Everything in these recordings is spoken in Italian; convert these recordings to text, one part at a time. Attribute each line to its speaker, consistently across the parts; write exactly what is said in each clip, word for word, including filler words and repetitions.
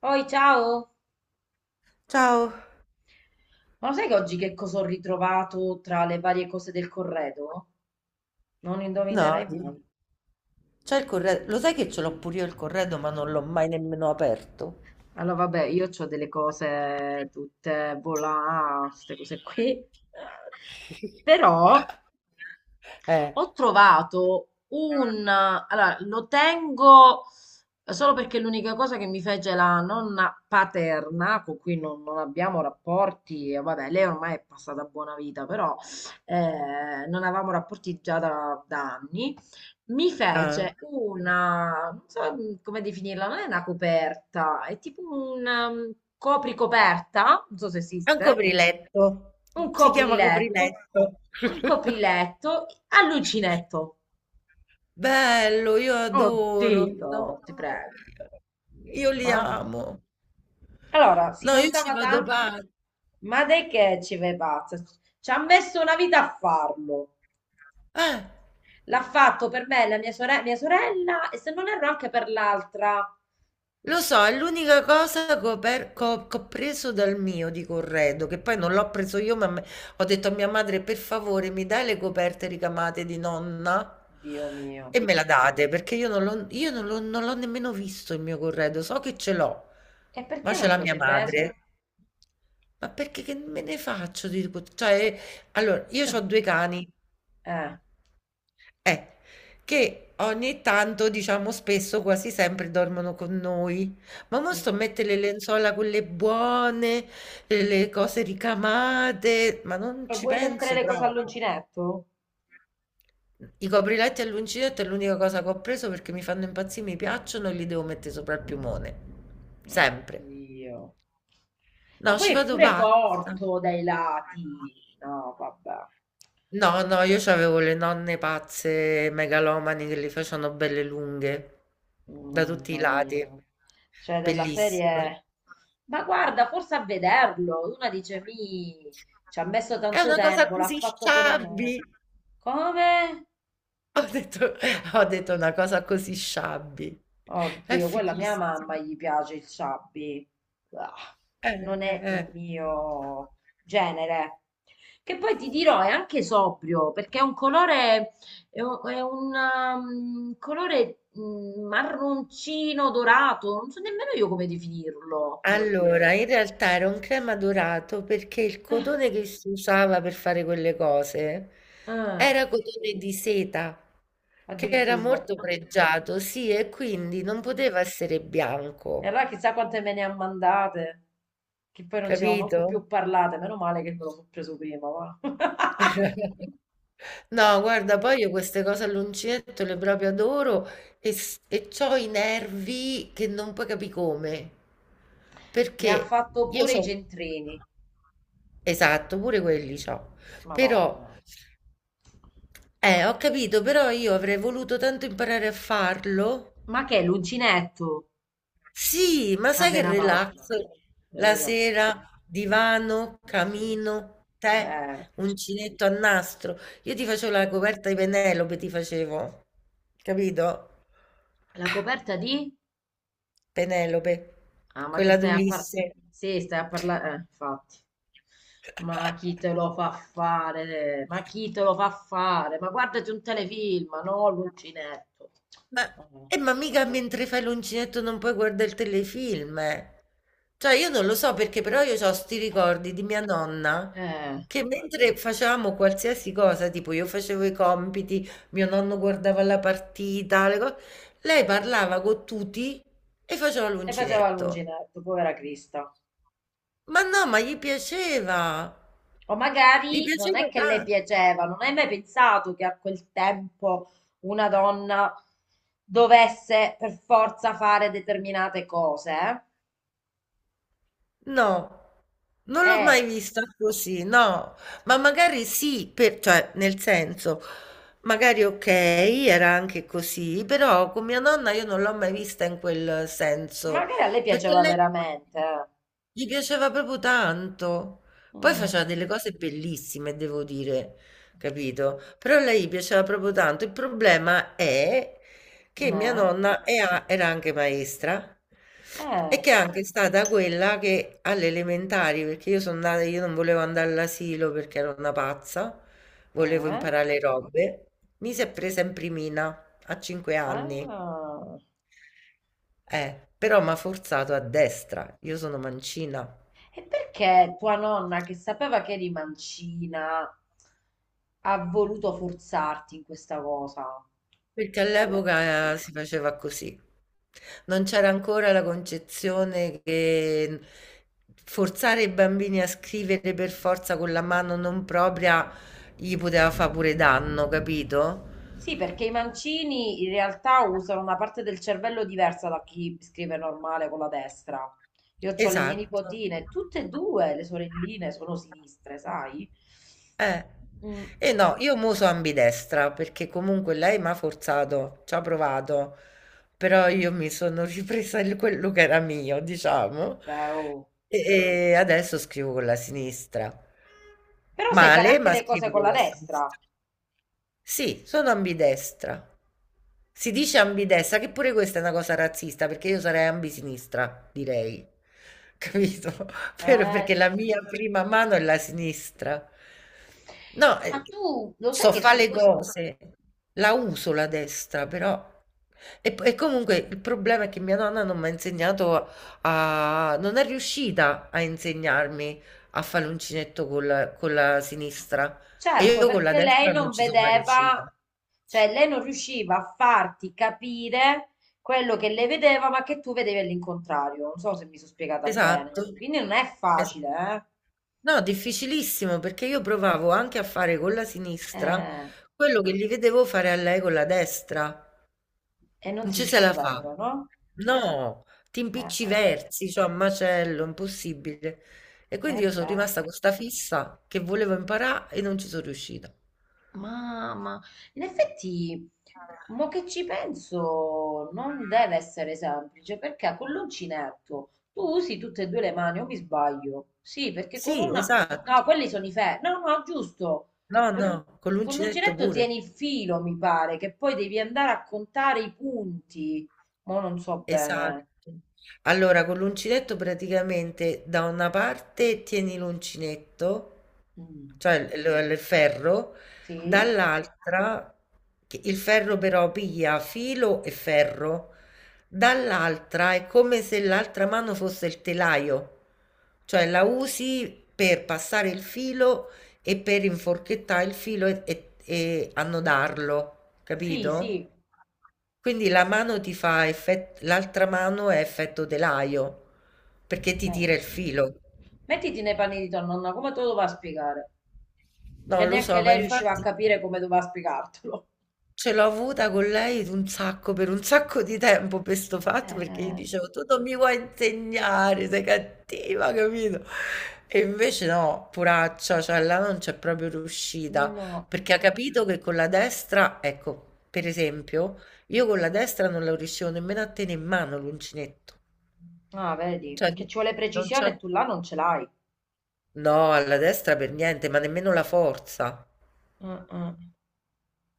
Speaker 1: Poi, ciao!
Speaker 2: Ciao,
Speaker 1: Ma lo sai che oggi che cosa ho ritrovato tra le varie cose del corredo? Non
Speaker 2: no,
Speaker 1: indovinerai
Speaker 2: di-
Speaker 1: mai.
Speaker 2: c'è il corredo, lo sai che ce l'ho pure io il corredo, ma non l'ho mai nemmeno aperto.
Speaker 1: Allora, vabbè, io ho delle cose tutte volà, queste cose qui. Però
Speaker 2: Eh,
Speaker 1: ho trovato un... Allora, lo tengo solo perché è l'unica cosa che mi fece la nonna paterna, con cui non, non abbiamo rapporti. E vabbè, lei ormai è passata a buona vita, però eh, non avevamo rapporti già da da anni. Mi
Speaker 2: ah.
Speaker 1: fece una, non so, mm, come definirla, non è una coperta, è tipo un, um, copricoperta, non so se
Speaker 2: È un
Speaker 1: esiste,
Speaker 2: copriletto,
Speaker 1: un
Speaker 2: si chiama
Speaker 1: copriletto,
Speaker 2: copriletto.
Speaker 1: un copriletto a uncinetto.
Speaker 2: Bello, io adoro,
Speaker 1: Oddio,
Speaker 2: no?
Speaker 1: ti prego,
Speaker 2: Io li
Speaker 1: mamma.
Speaker 2: amo.
Speaker 1: Allora, si
Speaker 2: No, io ci
Speaker 1: vantava
Speaker 2: vado
Speaker 1: tanto,
Speaker 2: pazza.
Speaker 1: ma dai che ci vai pazza? Ci ha messo una vita a farlo.
Speaker 2: Eh.
Speaker 1: L'ha fatto per me, e la mia sore- mia sorella, e se non erro anche per l'altra.
Speaker 2: Lo so, è l'unica cosa che ho, per- che ho- che ho preso dal mio di corredo, che poi non l'ho preso io, ma me- ho detto a mia madre, per favore, mi dai le coperte ricamate di nonna?
Speaker 1: Dio mio.
Speaker 2: E me la date, perché io non l'ho io non l'ho- non l'ho nemmeno visto il mio corredo, so che ce l'ho,
Speaker 1: E perché
Speaker 2: ma ce
Speaker 1: non
Speaker 2: l'ha
Speaker 1: te lo
Speaker 2: mia
Speaker 1: sei preso?
Speaker 2: madre. Ma perché che me ne faccio di... Cioè, allora, io ho due cani,
Speaker 1: Eh.
Speaker 2: eh, che ogni tanto, diciamo spesso, quasi sempre dormono con noi. Ma mo sto a
Speaker 1: Mm.
Speaker 2: mettere le lenzuola quelle buone, le le cose ricamate, ma non
Speaker 1: E
Speaker 2: ci
Speaker 1: vuoi mettere
Speaker 2: penso
Speaker 1: le cose
Speaker 2: proprio.
Speaker 1: all'uncinetto?
Speaker 2: I copriletti all'uncinetto è l'unica cosa che ho preso perché mi fanno impazzire, mi piacciono e li devo mettere sopra il piumone. Sempre.
Speaker 1: Oddio. Ma
Speaker 2: No,
Speaker 1: poi
Speaker 2: ci
Speaker 1: è
Speaker 2: vado
Speaker 1: pure
Speaker 2: pazza.
Speaker 1: corto dai lati. No, vabbè.
Speaker 2: No, no, io c'avevo le nonne pazze, megalomani, che le facevano belle lunghe, da tutti i
Speaker 1: Mamma mia.
Speaker 2: lati.
Speaker 1: Cioè, della
Speaker 2: Bellissime.
Speaker 1: serie... Ma guarda, forse a vederlo. Una dice, mi... Ci ha messo
Speaker 2: È
Speaker 1: tanto
Speaker 2: una cosa
Speaker 1: tempo, l'ha
Speaker 2: così
Speaker 1: fatto con amore.
Speaker 2: sciabbi.
Speaker 1: Come?
Speaker 2: Ho detto, ho detto una cosa così sciabbi. È
Speaker 1: Oddio, quella a mia
Speaker 2: fighissimo.
Speaker 1: mamma gli piace il sabbi. Ah,
Speaker 2: Eh,
Speaker 1: non
Speaker 2: eh,
Speaker 1: è
Speaker 2: eh.
Speaker 1: il mio genere. Che poi ti dirò, è anche sobrio, perché è un colore, è un, è un, um, colore, mm, marroncino dorato, non so nemmeno io come definirlo.
Speaker 2: Allora, in realtà era un crema dorato perché il cotone che si usava per fare quelle cose
Speaker 1: Ah,
Speaker 2: era cotone di seta, che era
Speaker 1: addirittura.
Speaker 2: molto pregiato, sì, e
Speaker 1: Mm.
Speaker 2: quindi non poteva essere
Speaker 1: E
Speaker 2: bianco,
Speaker 1: allora chissà quante me ne ha mandate, che poi non ci siamo manco
Speaker 2: capito?
Speaker 1: più parlate, meno male che me lo sono preso prima, va.
Speaker 2: No, guarda, poi io queste cose all'uncinetto le proprio adoro e, s- e c'ho i nervi che non puoi capire come.
Speaker 1: Mi
Speaker 2: Perché
Speaker 1: ha fatto
Speaker 2: io
Speaker 1: pure i
Speaker 2: c'ho...
Speaker 1: centrini.
Speaker 2: Esatto, pure quelli c'ho. Però,
Speaker 1: Madonna.
Speaker 2: eh, ho capito, però io avrei voluto tanto imparare a farlo.
Speaker 1: Ma che è l'uncinetto?
Speaker 2: Sì, ma
Speaker 1: Ma
Speaker 2: sai
Speaker 1: sei
Speaker 2: che
Speaker 1: una
Speaker 2: relax?
Speaker 1: pazza.
Speaker 2: La
Speaker 1: Lorella.
Speaker 2: sera, divano,
Speaker 1: Sì, sì,
Speaker 2: camino, tè,
Speaker 1: certo.
Speaker 2: uncinetto a nastro. Io ti facevo la coperta di Penelope, ti facevo. Capito?
Speaker 1: La coperta di?
Speaker 2: Penelope,
Speaker 1: Ah, ma che
Speaker 2: quella
Speaker 1: stai a parlare?
Speaker 2: d'Ulisse.
Speaker 1: Sì, stai a parlare. Eh, infatti. Ma chi te lo fa fare? Ma chi te lo fa fare? Ma guardati un telefilm, no? L'uncinetto.
Speaker 2: Ma
Speaker 1: Ah, no.
Speaker 2: eh, ma mica mentre fai l'uncinetto non puoi guarda il telefilm, eh. Cioè io non lo so perché però io c'ho 'sti ricordi di mia nonna
Speaker 1: Eh.
Speaker 2: che mentre facevamo qualsiasi cosa, tipo io facevo i compiti, mio nonno guardava la partita, le co- lei parlava con tutti e faceva
Speaker 1: E faceva
Speaker 2: l'uncinetto.
Speaker 1: l'uncinetto, povera Crista.
Speaker 2: Ma no, ma gli piaceva.
Speaker 1: O
Speaker 2: Gli
Speaker 1: magari non è
Speaker 2: piaceva
Speaker 1: che le
Speaker 2: tanto.
Speaker 1: piaceva, non hai mai pensato che a quel tempo una donna dovesse per forza fare determinate cose?
Speaker 2: No, non l'ho mai
Speaker 1: Eh,
Speaker 2: vista così, no, ma magari sì, per- cioè nel senso, magari ok, era anche così, però con mia nonna io non l'ho mai vista in quel senso,
Speaker 1: magari a lei
Speaker 2: perché
Speaker 1: piaceva
Speaker 2: lei
Speaker 1: veramente.
Speaker 2: gli piaceva proprio tanto, poi
Speaker 1: Mm,
Speaker 2: faceva delle cose bellissime, devo dire, capito? Però a lei gli piaceva proprio tanto, il problema è che mia
Speaker 1: eh,
Speaker 2: nonna è a- era anche maestra e
Speaker 1: eh,
Speaker 2: che è anche stata quella che alle elementari, perché io sono nata, io non volevo andare all'asilo perché ero una pazza, volevo
Speaker 1: eh,
Speaker 2: imparare le robe, mi si è presa in primina a cinque anni,
Speaker 1: ah.
Speaker 2: eh, però mi ha forzato a destra, io sono mancina.
Speaker 1: E perché tua nonna, che sapeva che eri mancina, ha voluto forzarti in questa cosa?
Speaker 2: Perché
Speaker 1: Eppure
Speaker 2: all'epoca eh, si faceva così. Non c'era ancora la concezione che mm, forzare i bambini a scrivere per forza con la mano non propria gli poteva fare pure danno, capito?
Speaker 1: sì, perché i mancini in realtà usano una parte del cervello diversa da chi scrive normale con la destra. Io ho le mie
Speaker 2: Esatto.
Speaker 1: nipotine, tutte e due le sorelline sono sinistre, sai?
Speaker 2: Eh.
Speaker 1: Mm,
Speaker 2: E no, io mo so ambidestra perché comunque lei mi ha forzato, ci ha provato, però io mi sono ripresa il- quello che era mio,
Speaker 1: eh
Speaker 2: diciamo,
Speaker 1: beh, oh.
Speaker 2: e, e adesso scrivo con la sinistra.
Speaker 1: Però sai fare
Speaker 2: Male,
Speaker 1: anche
Speaker 2: ma
Speaker 1: le cose
Speaker 2: scrivo
Speaker 1: con
Speaker 2: con
Speaker 1: la
Speaker 2: la
Speaker 1: destra.
Speaker 2: sinistra. Sì, sono ambidestra. Si dice ambidestra, che pure questa è una cosa razzista, perché io sarei ambisinistra, direi. Capito? Per-
Speaker 1: Eh
Speaker 2: perché la
Speaker 1: sì.
Speaker 2: mia prima mano è la sinistra. No,
Speaker 1: Ma
Speaker 2: eh,
Speaker 1: tu lo sai
Speaker 2: so
Speaker 1: che
Speaker 2: fare
Speaker 1: su
Speaker 2: le
Speaker 1: questo
Speaker 2: cose, la uso la destra, però e, e comunque il problema è che mia nonna non mi ha insegnato a... non è riuscita a insegnarmi a fare l'uncinetto col- con la sinistra e
Speaker 1: certo,
Speaker 2: io con la
Speaker 1: perché lei
Speaker 2: destra non
Speaker 1: non
Speaker 2: ci sono mai
Speaker 1: vedeva,
Speaker 2: riuscita.
Speaker 1: cioè lei non riusciva a farti capire quello che lei vedeva, ma che tu vedevi all'incontrario. Non so se mi sono spiegata
Speaker 2: Esatto.
Speaker 1: bene. Quindi non è
Speaker 2: Es-
Speaker 1: facile,
Speaker 2: No, difficilissimo perché io provavo anche a fare con la
Speaker 1: eh?
Speaker 2: sinistra
Speaker 1: Eh,
Speaker 2: quello che gli vedevo fare a lei con la destra.
Speaker 1: e non
Speaker 2: Non
Speaker 1: ti
Speaker 2: ci se la
Speaker 1: usciva però,
Speaker 2: fa.
Speaker 1: no?
Speaker 2: No, ti
Speaker 1: Eh,
Speaker 2: impicciversi, cioè a macello, impossibile. E
Speaker 1: eh,
Speaker 2: quindi
Speaker 1: eh
Speaker 2: io sono
Speaker 1: beh.
Speaker 2: rimasta con sta fissa che volevo imparare e non ci sono riuscita.
Speaker 1: Mamma, in effetti, mo che ci penso, non deve essere semplice perché con l'uncinetto tu usi tutte e due le mani, o mi sbaglio? Sì, perché con
Speaker 2: Sì,
Speaker 1: una...
Speaker 2: esatto.
Speaker 1: No, quelli sono i ferri. No, no, giusto.
Speaker 2: No,
Speaker 1: Con
Speaker 2: no,
Speaker 1: l'un-
Speaker 2: con
Speaker 1: con
Speaker 2: l'uncinetto
Speaker 1: l'uncinetto
Speaker 2: pure.
Speaker 1: tieni il filo, mi pare, che poi devi andare a contare i punti. Mo non so
Speaker 2: Esatto.
Speaker 1: bene.
Speaker 2: Allora, con l'uncinetto praticamente da una parte tieni l'uncinetto,
Speaker 1: Mm.
Speaker 2: cioè il, il- il ferro,
Speaker 1: Sì?
Speaker 2: dall'altra, che il ferro però piglia filo e ferro, dall'altra è come se l'altra mano fosse il telaio, cioè la usi per passare il filo e per inforchettare il filo e, e e annodarlo,
Speaker 1: Sì,
Speaker 2: capito?
Speaker 1: sì.
Speaker 2: Quindi la mano ti fa effetto, l'altra mano è effetto telaio, perché ti
Speaker 1: Eh.
Speaker 2: tira il filo.
Speaker 1: Mettiti nei panni di tua nonna, come te lo va a spiegare?
Speaker 2: No,
Speaker 1: Che
Speaker 2: lo
Speaker 1: neanche
Speaker 2: so, ma
Speaker 1: lei riusciva a
Speaker 2: infatti
Speaker 1: capire come doveva spiegartelo.
Speaker 2: ce l'ho avuta con lei un sacco, per un sacco di tempo per sto fatto, perché gli
Speaker 1: Eh,
Speaker 2: dicevo, tu non mi vuoi insegnare, sei cattiva, capito? E invece no, puraccia, cioè là non c'è proprio riuscita,
Speaker 1: no.
Speaker 2: perché ha capito che con la destra, ecco, per esempio, io con la destra non la riuscivo nemmeno a tenere in mano l'uncinetto.
Speaker 1: Ah, vedi,
Speaker 2: Cioè,
Speaker 1: perché ci vuole
Speaker 2: non
Speaker 1: precisione
Speaker 2: c'è.
Speaker 1: e tu là non ce l'hai.
Speaker 2: No, alla destra per niente, ma nemmeno la forza.
Speaker 1: Eh, eh.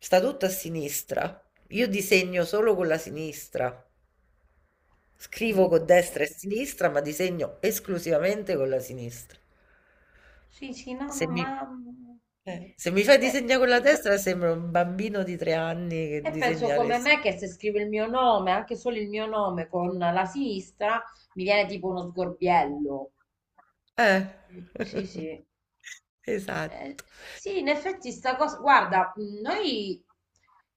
Speaker 2: Sta tutto a sinistra. Io disegno solo con la sinistra. Scrivo
Speaker 1: Quindi
Speaker 2: con
Speaker 1: comunque.
Speaker 2: destra e sinistra, ma disegno esclusivamente con la sinistra.
Speaker 1: Sì, sì, no,
Speaker 2: Se
Speaker 1: no,
Speaker 2: mi,
Speaker 1: ma... mm,
Speaker 2: eh, se mi fai
Speaker 1: beh,
Speaker 2: disegnare con la destra, sembra un bambino di tre anni che
Speaker 1: e penso
Speaker 2: disegna le...
Speaker 1: come
Speaker 2: s-
Speaker 1: me che se scrivo il mio nome, anche solo il mio nome con la sinistra, mi viene tipo uno sgorbiello.
Speaker 2: Eh,
Speaker 1: Sì, sì. Eh,
Speaker 2: esatto.
Speaker 1: sì, in effetti sta cosa, guarda, mh, noi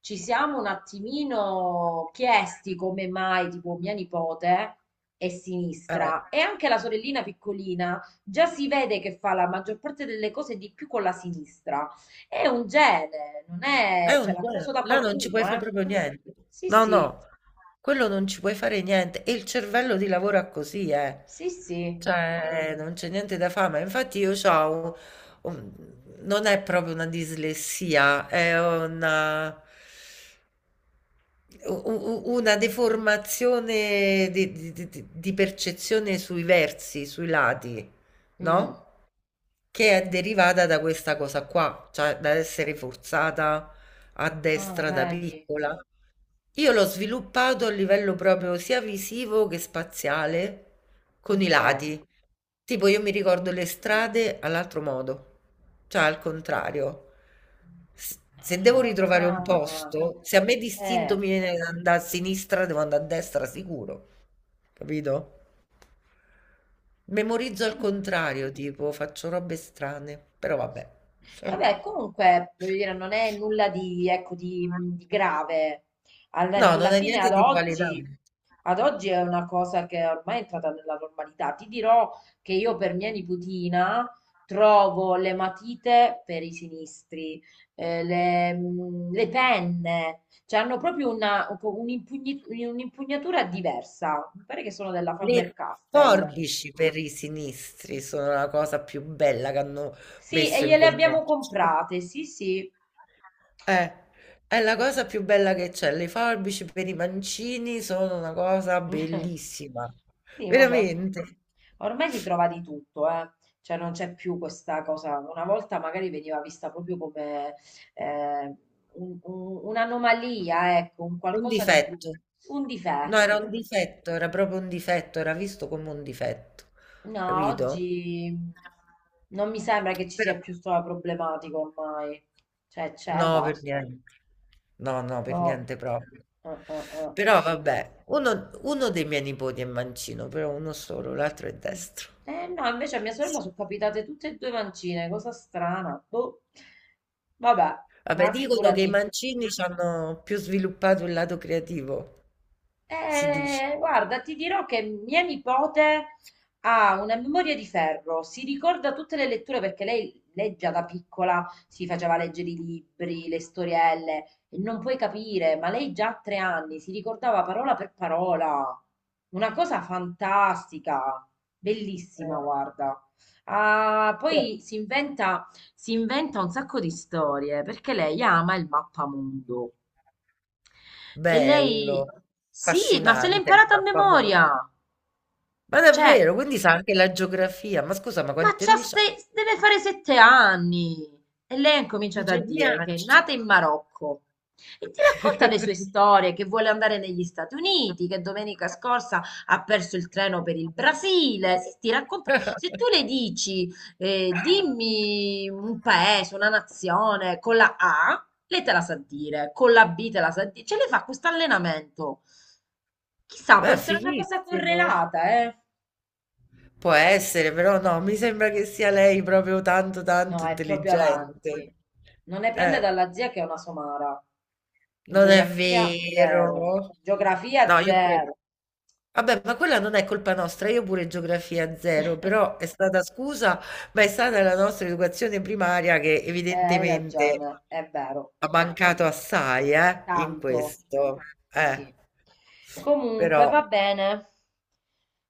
Speaker 1: ci siamo un attimino chiesti come mai, tipo, mia nipote è
Speaker 2: Eh.
Speaker 1: sinistra e anche la sorellina piccolina già si vede che fa la maggior parte delle cose di più con la sinistra. È un gene, non
Speaker 2: È
Speaker 1: è, cioè
Speaker 2: un
Speaker 1: l'ha preso
Speaker 2: gelo,
Speaker 1: da
Speaker 2: là non ci
Speaker 1: qualcuno,
Speaker 2: puoi fare
Speaker 1: eh?
Speaker 2: proprio niente.
Speaker 1: Sì,
Speaker 2: No,
Speaker 1: sì,
Speaker 2: no, quello non ci puoi fare niente. E il cervello ti lavora così, eh.
Speaker 1: sì, sì.
Speaker 2: Cioè, non c'è niente da fare. Ma infatti io ho non è proprio una dislessia, è una, u- u- una deformazione di, di- di- di percezione sui versi, sui lati,
Speaker 1: Mm.
Speaker 2: no? Che è derivata da questa cosa qua, cioè da essere forzata a
Speaker 1: Ah,
Speaker 2: destra da
Speaker 1: vedi,
Speaker 2: piccola. Io l'ho sviluppato a livello proprio sia visivo che spaziale, con i
Speaker 1: ok.
Speaker 2: lati. Tipo, io mi
Speaker 1: Mm.
Speaker 2: ricordo le strade all'altro modo, cioè al contrario. S- Se devo ritrovare un
Speaker 1: Ah,
Speaker 2: posto, se a me d'istinto
Speaker 1: eh.
Speaker 2: mi viene da andare a sinistra, devo andare a destra sicuro, capito? Memorizzo al
Speaker 1: Mm.
Speaker 2: contrario, tipo, faccio robe strane, però vabbè.
Speaker 1: Vabbè, comunque, voglio dire, non è nulla di, ecco, di, di grave. Alla,
Speaker 2: No,
Speaker 1: alla
Speaker 2: non è
Speaker 1: fine,
Speaker 2: niente
Speaker 1: ad
Speaker 2: di
Speaker 1: oggi,
Speaker 2: invalidante.
Speaker 1: ad oggi è una cosa che ormai è entrata nella normalità. Ti dirò che io per mia nipotina trovo le matite per i sinistri, eh, le, mm, le penne, cioè hanno proprio una, un'impugni- un'impugnatura diversa. Mi pare che sono della
Speaker 2: Le
Speaker 1: Faber-Castell.
Speaker 2: forbici per i sinistri sono la cosa più bella che hanno
Speaker 1: Sì,
Speaker 2: messo
Speaker 1: e
Speaker 2: in
Speaker 1: gliele abbiamo
Speaker 2: commercio.
Speaker 1: comprate, sì, sì.
Speaker 2: Eh, è la cosa più bella che c'è. Le forbici per i mancini sono una cosa bellissima.
Speaker 1: Sì, vabbè. orm-
Speaker 2: Veramente.
Speaker 1: Ormai si trova di tutto, eh. Cioè non c'è più questa cosa. Una volta magari veniva vista proprio come eh, un- un- un'anomalia, ecco, un
Speaker 2: Un
Speaker 1: qualcosa di
Speaker 2: difetto.
Speaker 1: brutto, un
Speaker 2: No, era
Speaker 1: difetto.
Speaker 2: un difetto, era proprio un difetto, era visto come un difetto.
Speaker 1: No,
Speaker 2: Capito?
Speaker 1: oggi non mi sembra che ci sia
Speaker 2: Però
Speaker 1: più questa problematica ormai. Cioè c'è,
Speaker 2: no, per
Speaker 1: basta.
Speaker 2: niente. No, no, per
Speaker 1: No.
Speaker 2: niente proprio.
Speaker 1: Eh, eh, eh.
Speaker 2: Però vabbè, uno, uno dei miei nipoti è mancino, però uno solo, l'altro è
Speaker 1: Mm.
Speaker 2: destro.
Speaker 1: Eh no, invece a mia sorella sono capitate tutte e due mancine, cosa strana. Boh. Vabbè,
Speaker 2: Vabbè,
Speaker 1: ma
Speaker 2: dicono che i
Speaker 1: figurati.
Speaker 2: mancini hanno più sviluppato il lato creativo, si dice.
Speaker 1: Eh, guarda, ti dirò che mia nipote ha una memoria di ferro, si ricorda tutte le letture perché lei, lei già da piccola si faceva leggere i libri, le storielle, e non puoi capire, ma lei già a tre anni si ricordava parola per parola. Una cosa fantastica, bellissima, guarda. Ah,
Speaker 2: Oh,
Speaker 1: poi si inventa, si inventa un sacco di storie perché lei ama il mappamondo. E
Speaker 2: bello,
Speaker 1: lei... Sì, ma se l'è
Speaker 2: affascinante,
Speaker 1: imparata a
Speaker 2: famoso.
Speaker 1: memoria.
Speaker 2: Ma
Speaker 1: Cioè,
Speaker 2: davvero, quindi sa anche la geografia. Ma scusa, ma
Speaker 1: ma
Speaker 2: quanti
Speaker 1: c'ha
Speaker 2: anni c'ha?
Speaker 1: se- deve fare sette anni. E lei ha
Speaker 2: Un
Speaker 1: incominciato a dire che è
Speaker 2: geniaccio.
Speaker 1: nata in Marocco. E ti racconta le sue storie, che vuole andare negli Stati Uniti, che domenica scorsa ha perso il treno per il Brasile. Sì, ti racconta. Se tu le dici, eh, dimmi un paese, una nazione con la A, lei te la sa dire, con la bi te la sa dire. Ce le fa questo allenamento. Chissà, può
Speaker 2: Beh,
Speaker 1: essere una cosa
Speaker 2: fighissimo.
Speaker 1: correlata, eh?
Speaker 2: Può essere, però no, mi sembra che sia lei proprio tanto,
Speaker 1: No,
Speaker 2: tanto
Speaker 1: è proprio avanti.
Speaker 2: intelligente.
Speaker 1: Non ne prende
Speaker 2: Eh,
Speaker 1: dalla zia che è una somara. In
Speaker 2: non è
Speaker 1: geografia, zero.
Speaker 2: vero.
Speaker 1: Geografia,
Speaker 2: No, io credo.
Speaker 1: zero.
Speaker 2: Vabbè, ma quella non è colpa nostra, io pure geografia zero, però è stata scusa, ma è stata la nostra educazione primaria che
Speaker 1: Eh, hai
Speaker 2: evidentemente
Speaker 1: ragione, è vero.
Speaker 2: ha mancato
Speaker 1: Sì.
Speaker 2: assai, eh, in
Speaker 1: Tanto.
Speaker 2: questo.
Speaker 1: Sì,
Speaker 2: Eh,
Speaker 1: sì. Comunque,
Speaker 2: però,
Speaker 1: va bene.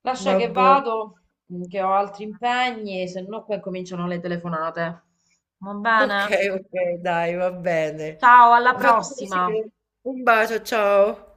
Speaker 1: Lascia che
Speaker 2: vabbè.
Speaker 1: vado, mm, che ho altri impegni, se no qua cominciano le telefonate. Va
Speaker 2: Ok,
Speaker 1: bene?
Speaker 2: ok, dai, va bene.
Speaker 1: Ciao, alla
Speaker 2: Mi ha fatto
Speaker 1: prossima.
Speaker 2: piacere. Un bacio, ciao.